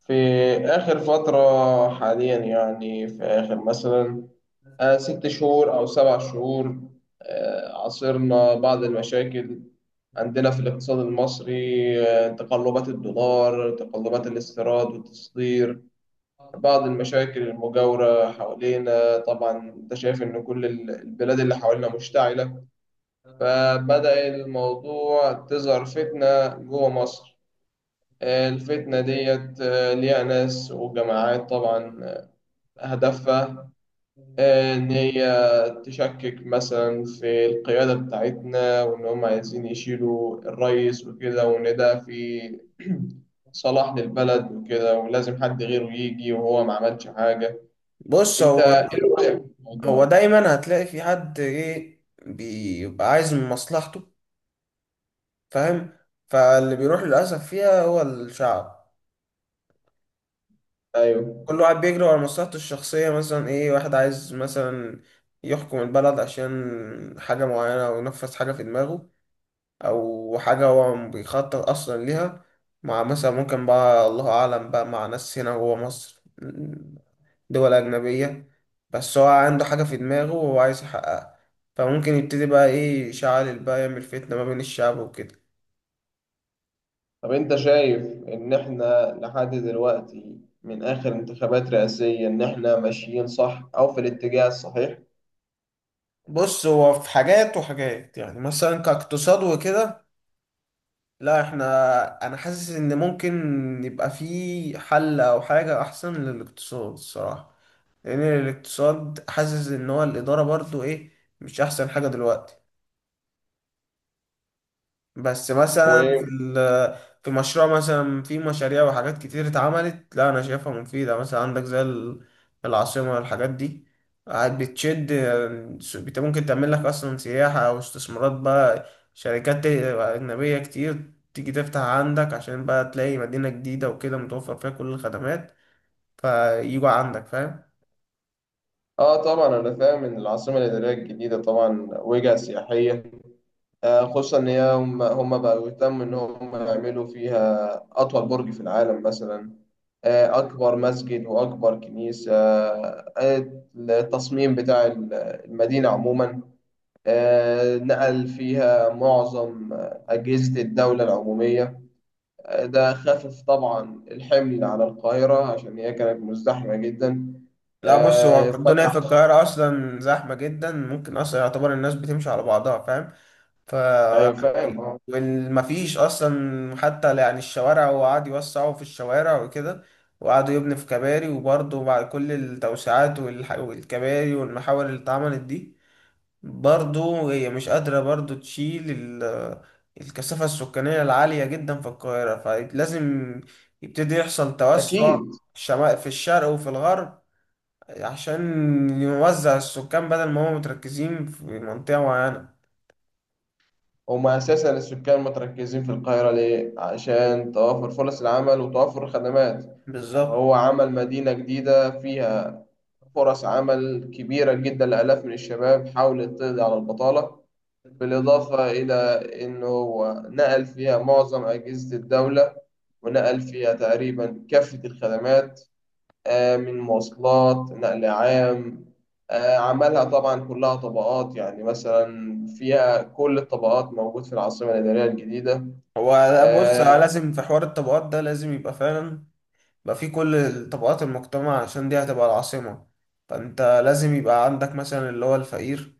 في آخر فترة حاليا يعني في آخر مثلا 6 شهور أو 7 شهور. عاصرنا بعض المشاكل عندنا في الاقتصاد المصري. تقلبات الدولار، تقلبات الاستيراد والتصدير، بعض المشاكل المجاورة حوالينا. طبعا أنت شايف إن كل البلاد اللي حوالينا مشتعلة، فبدأ الموضوع تظهر فتنة جوه مصر. الفتنة ديت ليها ناس وجماعات طبعا. هدفها إن هي تشكك مثلا في القيادة بتاعتنا، وإن هم عايزين يشيلوا الرئيس وكده، وإن ده في صلاح للبلد وكده، ولازم حد غيره يجي وهو ما عملش حاجة. بص أنت هو إيه رأيك في هو الموضوع؟ دايما هتلاقي في حد ايه بيبقى عايز من مصلحته، فاهم؟ فاللي بيروح للأسف فيها هو الشعب. أيوه. كل واحد بيجري ورا مصلحته الشخصية، مثلا ايه، واحد عايز مثلا يحكم البلد عشان حاجة معينة أو ينفذ حاجة في دماغه او حاجه هو بيخطط اصلا ليها، مع مثلا، ممكن بقى، الله اعلم بقى، مع ناس هنا جوه مصر دول اجنبيه. بس هو عنده حاجه في دماغه وهو عايز يحققها، فممكن يبتدي بقى ايه، يشعل بقى، يعمل فتنه ما بين الشعب وكده. طب أنت شايف إن إحنا لحد دلوقتي من آخر انتخابات رئاسية، إن إحنا ماشيين صح أو في الاتجاه الصحيح؟ بص هو في حاجات وحاجات، يعني مثلا كاقتصاد وكده، لا احنا، انا حاسس ان ممكن يبقى في حل او حاجه احسن للاقتصاد الصراحه، لان الاقتصاد حاسس ان هو الاداره برضو ايه مش احسن حاجه دلوقتي. بس مثلا في مشروع مثلا، في مشاريع وحاجات كتير اتعملت، لا انا شايفها مفيده، مثلا عندك زي العاصمه، الحاجات دي قاعد بتشد. ممكن تعمل لك اصلا سياحه او استثمارات بقى، شركات اجنبيه كتير تيجي تفتح عندك عشان بقى تلاقي مدينه جديده وكده متوفر فيها كل الخدمات، فيجوا عندك، فاهم؟ اه طبعا، انا فاهم ان العاصمه الاداريه الجديده طبعا وجهه سياحيه. خصوصا ان هي هم بقوا يهتموا ان هم يعملوا فيها اطول برج في العالم مثلا، اكبر مسجد واكبر كنيسه. التصميم بتاع المدينه عموما، نقل فيها معظم اجهزه الدوله العموميه. ده خفف طبعا الحمل على القاهره عشان هي كانت مزدحمه جدا. لا بص، هو الدنيا فتح. في القاهرة أصلا زحمة جدا، ممكن أصلا يعتبر الناس بتمشي على بعضها، فاهم؟ ف ايوه، فاهم آه. والمفيش أصلا حتى، يعني الشوارع، هو قعد يوسعوا في الشوارع وكده، وقعدوا يبني في كباري، وبرضه بعد كل التوسعات والكباري والمحاور اللي اتعملت دي، برضه هي مش قادرة برضه تشيل الكثافة السكانية العالية جدا في القاهرة، فلازم يبتدي يحصل توسع أكيد. في الشرق وفي الغرب، عشان يوزع السكان بدل ما هم متركزين في منطقة معينة. هم أساسا السكان متركزين في القاهرة ليه؟ عشان توافر فرص العمل وتوافر الخدمات. بالظبط. هو عمل مدينة جديدة فيها فرص عمل كبيرة جدا لآلاف من الشباب، حاولت تقضي على البطالة، بالإضافة إلى إنه هو نقل فيها معظم أجهزة الدولة، ونقل فيها تقريبا كافة الخدمات، من مواصلات نقل عام. عملها طبعا كلها طبقات، يعني مثلا فيها كل الطبقات موجود في العاصمة الإدارية الجديدة. هو لا، بص، آه، لازم في حوار الطبقات ده لازم يبقى فعلا، يبقى في كل طبقات المجتمع عشان دي هتبقى العاصمة. فأنت لازم يبقى عندك مثلا اللي هو الفقير،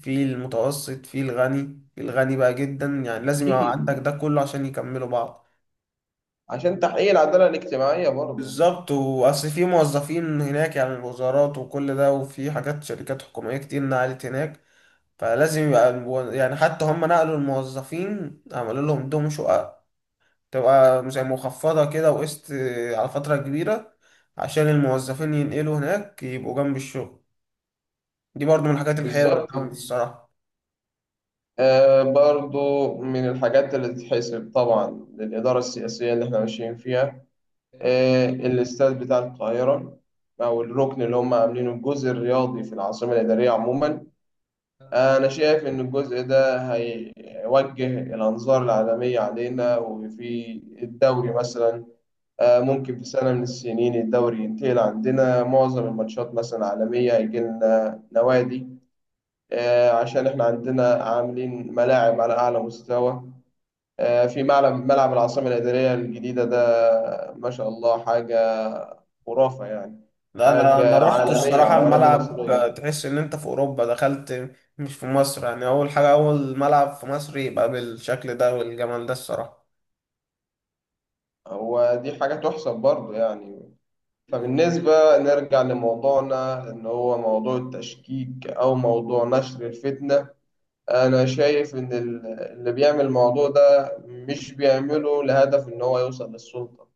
في المتوسط، في الغني، في الغني بقى جدا، يعني لازم يبقى عندك أكيد، ده كله عشان يكملوا بعض. عشان تحقيق العدالة الاجتماعية برضو. بالظبط، وأصل في موظفين هناك، يعني الوزارات وكل ده، وفي حاجات شركات حكومية كتير نقلت هناك، فلازم يبقى يعني حتى هم نقلوا الموظفين عملوا لهم دهم شقق، تبقى زي مخفضة كده، وقسط على فترة كبيرة، عشان الموظفين ينقلوا هناك يبقوا جنب الشغل. دي برضو من الحاجات الحلوة اللي بالظبط. اتعملت الصراحة. برضو من الحاجات اللي تتحسب طبعا للإدارة السياسية اللي احنا ماشيين فيها. الاستاد بتاع القاهرة، أو الركن اللي هم عاملينه الجزء الرياضي في العاصمة الإدارية عموما، أنا شايف إن الجزء ده هيوجه الأنظار العالمية علينا. وفي الدوري مثلا، ممكن في سنة من السنين الدوري ينتقل عندنا، معظم الماتشات مثلا عالمية هيجي لنا نوادي، عشان إحنا عندنا عاملين ملاعب على أعلى مستوى. في ملعب، العاصمة الإدارية الجديدة ده ما شاء الله حاجة خرافة يعني، لا انا حاجة رحت عالمية الصراحة على أراضي الملعب، مصرية. تحس ان انت في اوروبا دخلت، مش في مصر يعني. اول حاجة، اول ملعب في مصر يبقى بالشكل ده والجمال ده الصراحة. هو دي حاجة تحسب برضه يعني. فبالنسبة نرجع لموضوعنا، إن هو موضوع التشكيك أو موضوع نشر الفتنة، أنا شايف إن اللي بيعمل الموضوع ده مش بيعمله لهدف إن هو يوصل للسلطة،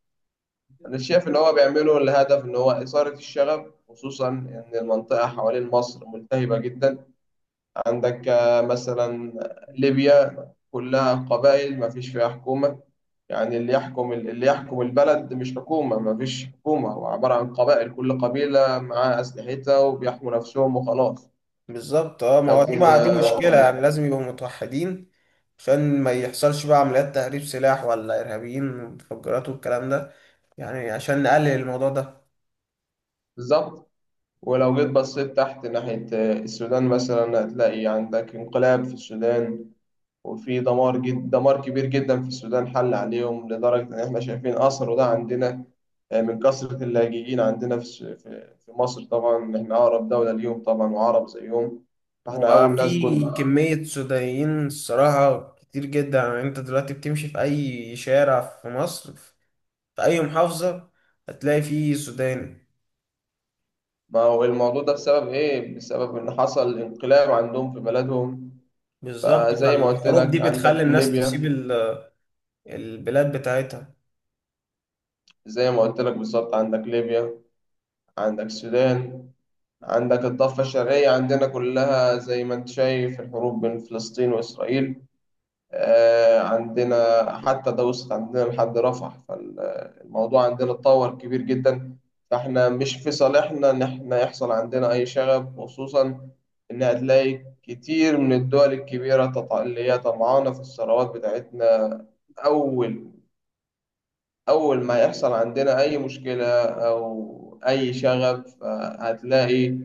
أنا شايف إن هو بيعمله لهدف إن هو إثارة الشغب، خصوصا إن المنطقة حوالين مصر ملتهبة جدا. عندك مثلا ليبيا كلها قبائل مفيش فيها حكومة، يعني اللي يحكم البلد مش حكومة، ما فيش حكومة، هو عبارة عن قبائل، كل قبيلة معاها أسلحتها وبيحموا نفسهم وخلاص. بالظبط، اه، ما لو هو دي جينا. بقى دي مشكلة، يعني لازم يبقوا متوحدين عشان ما يحصلش بقى عمليات تهريب سلاح ولا إرهابيين ومتفجرات والكلام ده، يعني عشان نقلل الموضوع ده. بالظبط. ولو جيت بصيت تحت ناحية السودان مثلا، هتلاقي عندك انقلاب في السودان، وفي دمار، دمار كبير جدا في السودان حل عليهم، لدرجة إن إحنا شايفين أثره ده عندنا، من كثرة اللاجئين عندنا في في مصر. طبعا إحنا أقرب دولة ليهم طبعا وعرب زيهم، فإحنا أول ناس وفي جولنا. كمية سودانيين الصراحة كتير جدا، يعني انت دلوقتي بتمشي في أي شارع في مصر، في أي محافظة، هتلاقي فيه سوداني. ما هو الموضوع ده بسبب إيه؟ بسبب إن حصل انقلاب عندهم في بلدهم. بالظبط، فزي ما قلت فالحروب دي لك بتخلي عندك الناس تسيب ليبيا، البلاد بتاعتها. زي ما قلت لك بالظبط، عندك ليبيا، عندك السودان، عندك الضفة الشرقية عندنا، كلها زي ما أنت شايف الحروب بين فلسطين وإسرائيل. عندنا حتى ده وصلت عندنا لحد رفح، فالموضوع عندنا اتطور كبير جدا. فاحنا مش في صالحنا ان احنا يحصل عندنا اي شغب، خصوصا ان هتلاقي كتير من الدول الكبيرة اللي هي طمعانة في الثروات بتاعتنا. أول أول ما يحصل عندنا أي مشكلة أو أي شغب، هتلاقي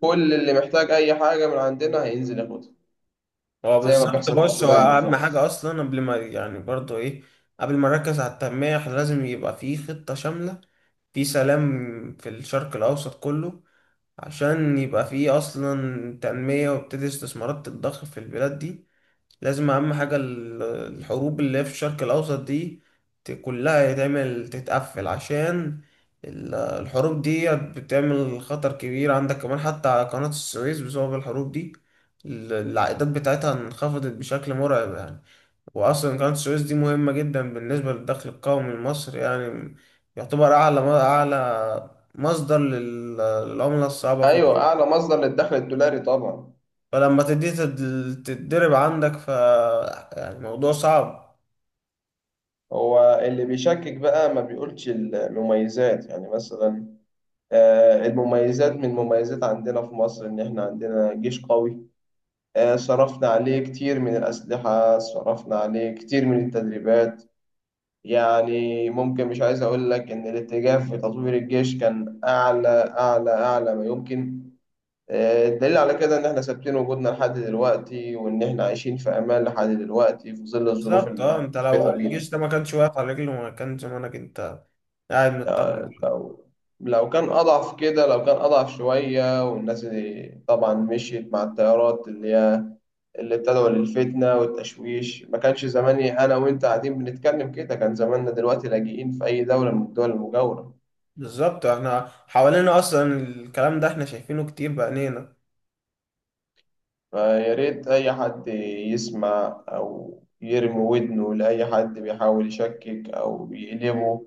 كل اللي محتاج أي حاجة من عندنا هينزل ياخدها، هو فاهم زي ما بالظبط. بيحصل في بص، هو السودان اهم بالظبط. حاجه اصلا، قبل ما يعني برضو ايه، قبل ما نركز على التنميه، إحنا لازم يبقى في خطه شامله، في سلام في الشرق الاوسط كله، عشان يبقى في اصلا تنميه، وابتدي استثمارات تتضخ في البلاد دي. لازم اهم حاجة الحروب اللي هي في الشرق الاوسط دي، كلها يتعمل تتقفل، عشان الحروب دي بتعمل خطر كبير عندك، كمان حتى على قناة السويس، بسبب الحروب دي العائدات بتاعتها انخفضت بشكل مرعب يعني. واصلا قناة السويس دي مهمة جدا بالنسبة للدخل القومي لمصر، يعني يعتبر اعلى، اعلى مصدر للعملة الصعبة في ايوه، مصر. اعلى مصدر للدخل الدولاري طبعا. فلما تتضرب عندك ف، يعني موضوع صعب. هو اللي بيشكك بقى ما بيقولش المميزات. يعني مثلا المميزات، من مميزات عندنا في مصر ان احنا عندنا جيش قوي. صرفنا عليه كتير من الاسلحه، صرفنا عليه كتير من التدريبات. يعني ممكن مش عايز اقول لك ان الاتجاه في تطوير الجيش كان اعلى، اعلى اعلى ما يمكن. الدليل على كده إن إحنا ثابتين وجودنا لحد دلوقتي، وإن إحنا عايشين في أمان لحد دلوقتي في ظل الظروف بالظبط، اه، انت لو المحيطة بينا. الجيش ده ما كانش واقف على رجله، ما كان زمانك انت قاعد آه، مطمن. لو كان أضعف كده، لو كان أضعف شوية، والناس اللي طبعا مشيت مع التيارات اللي هي اللي بتدعو للفتنة والتشويش، ما كانش زماني أنا وأنت قاعدين بنتكلم كده، كان زماننا دلوقتي لاجئين في أي دولة من الدول المجاورة. بالظبط، احنا حوالينا اصلا الكلام ده احنا شايفينه كتير بعينينا. فيا ريت أي حد يسمع أو يرمي ودنه لأي حد بيحاول يشكك أو يقلبه،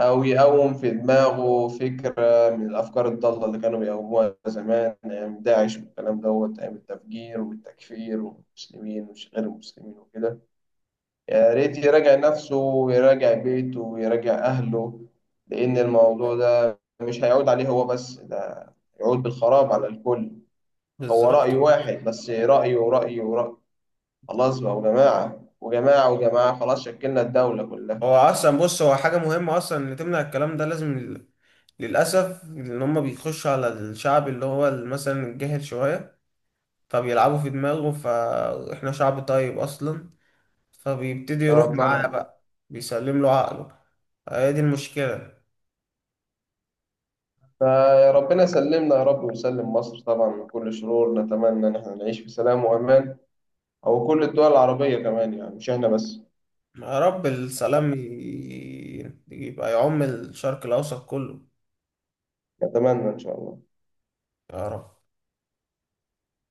أو يقوم في دماغه فكرة من الأفكار الضالة اللي كانوا بيقوموها زمان أيام داعش والكلام دوت، أيام التفجير والتكفير والمسلمين ومش غير المسلمين وكده. يا ريت يراجع نفسه ويراجع بيته ويراجع أهله، لأن الموضوع ده مش هيعود عليه هو بس، ده يعود بالخراب على الكل. هو بالظبط. رأي واحد بس، رأيه ورأيه ورأي، خلاص بقى، وجماعة وجماعة وجماعة، خلاص شكلنا الدولة كلها. هو اصلا بص، هو حاجة مهمة اصلا ان تمنع الكلام ده، لازم للاسف ان هم بيخشوا على الشعب اللي هو مثلا الجاهل شوية، فبيلعبوا في دماغه، فاحنا شعب طيب اصلا، فبيبتدي يروح اه معاه طبعا. بقى، بيسلم له عقله. آه، هي دي المشكلة. فربنا يسلمنا يا رب، ويسلم مصر طبعا من كل شرور، نتمنى ان احنا نعيش في سلام وامان، او كل الدول العربية كمان يعني مش احنا بس. يا رب السلام يبقى يعم الشرق الأوسط كله، نتمنى ان شاء الله. يا رب.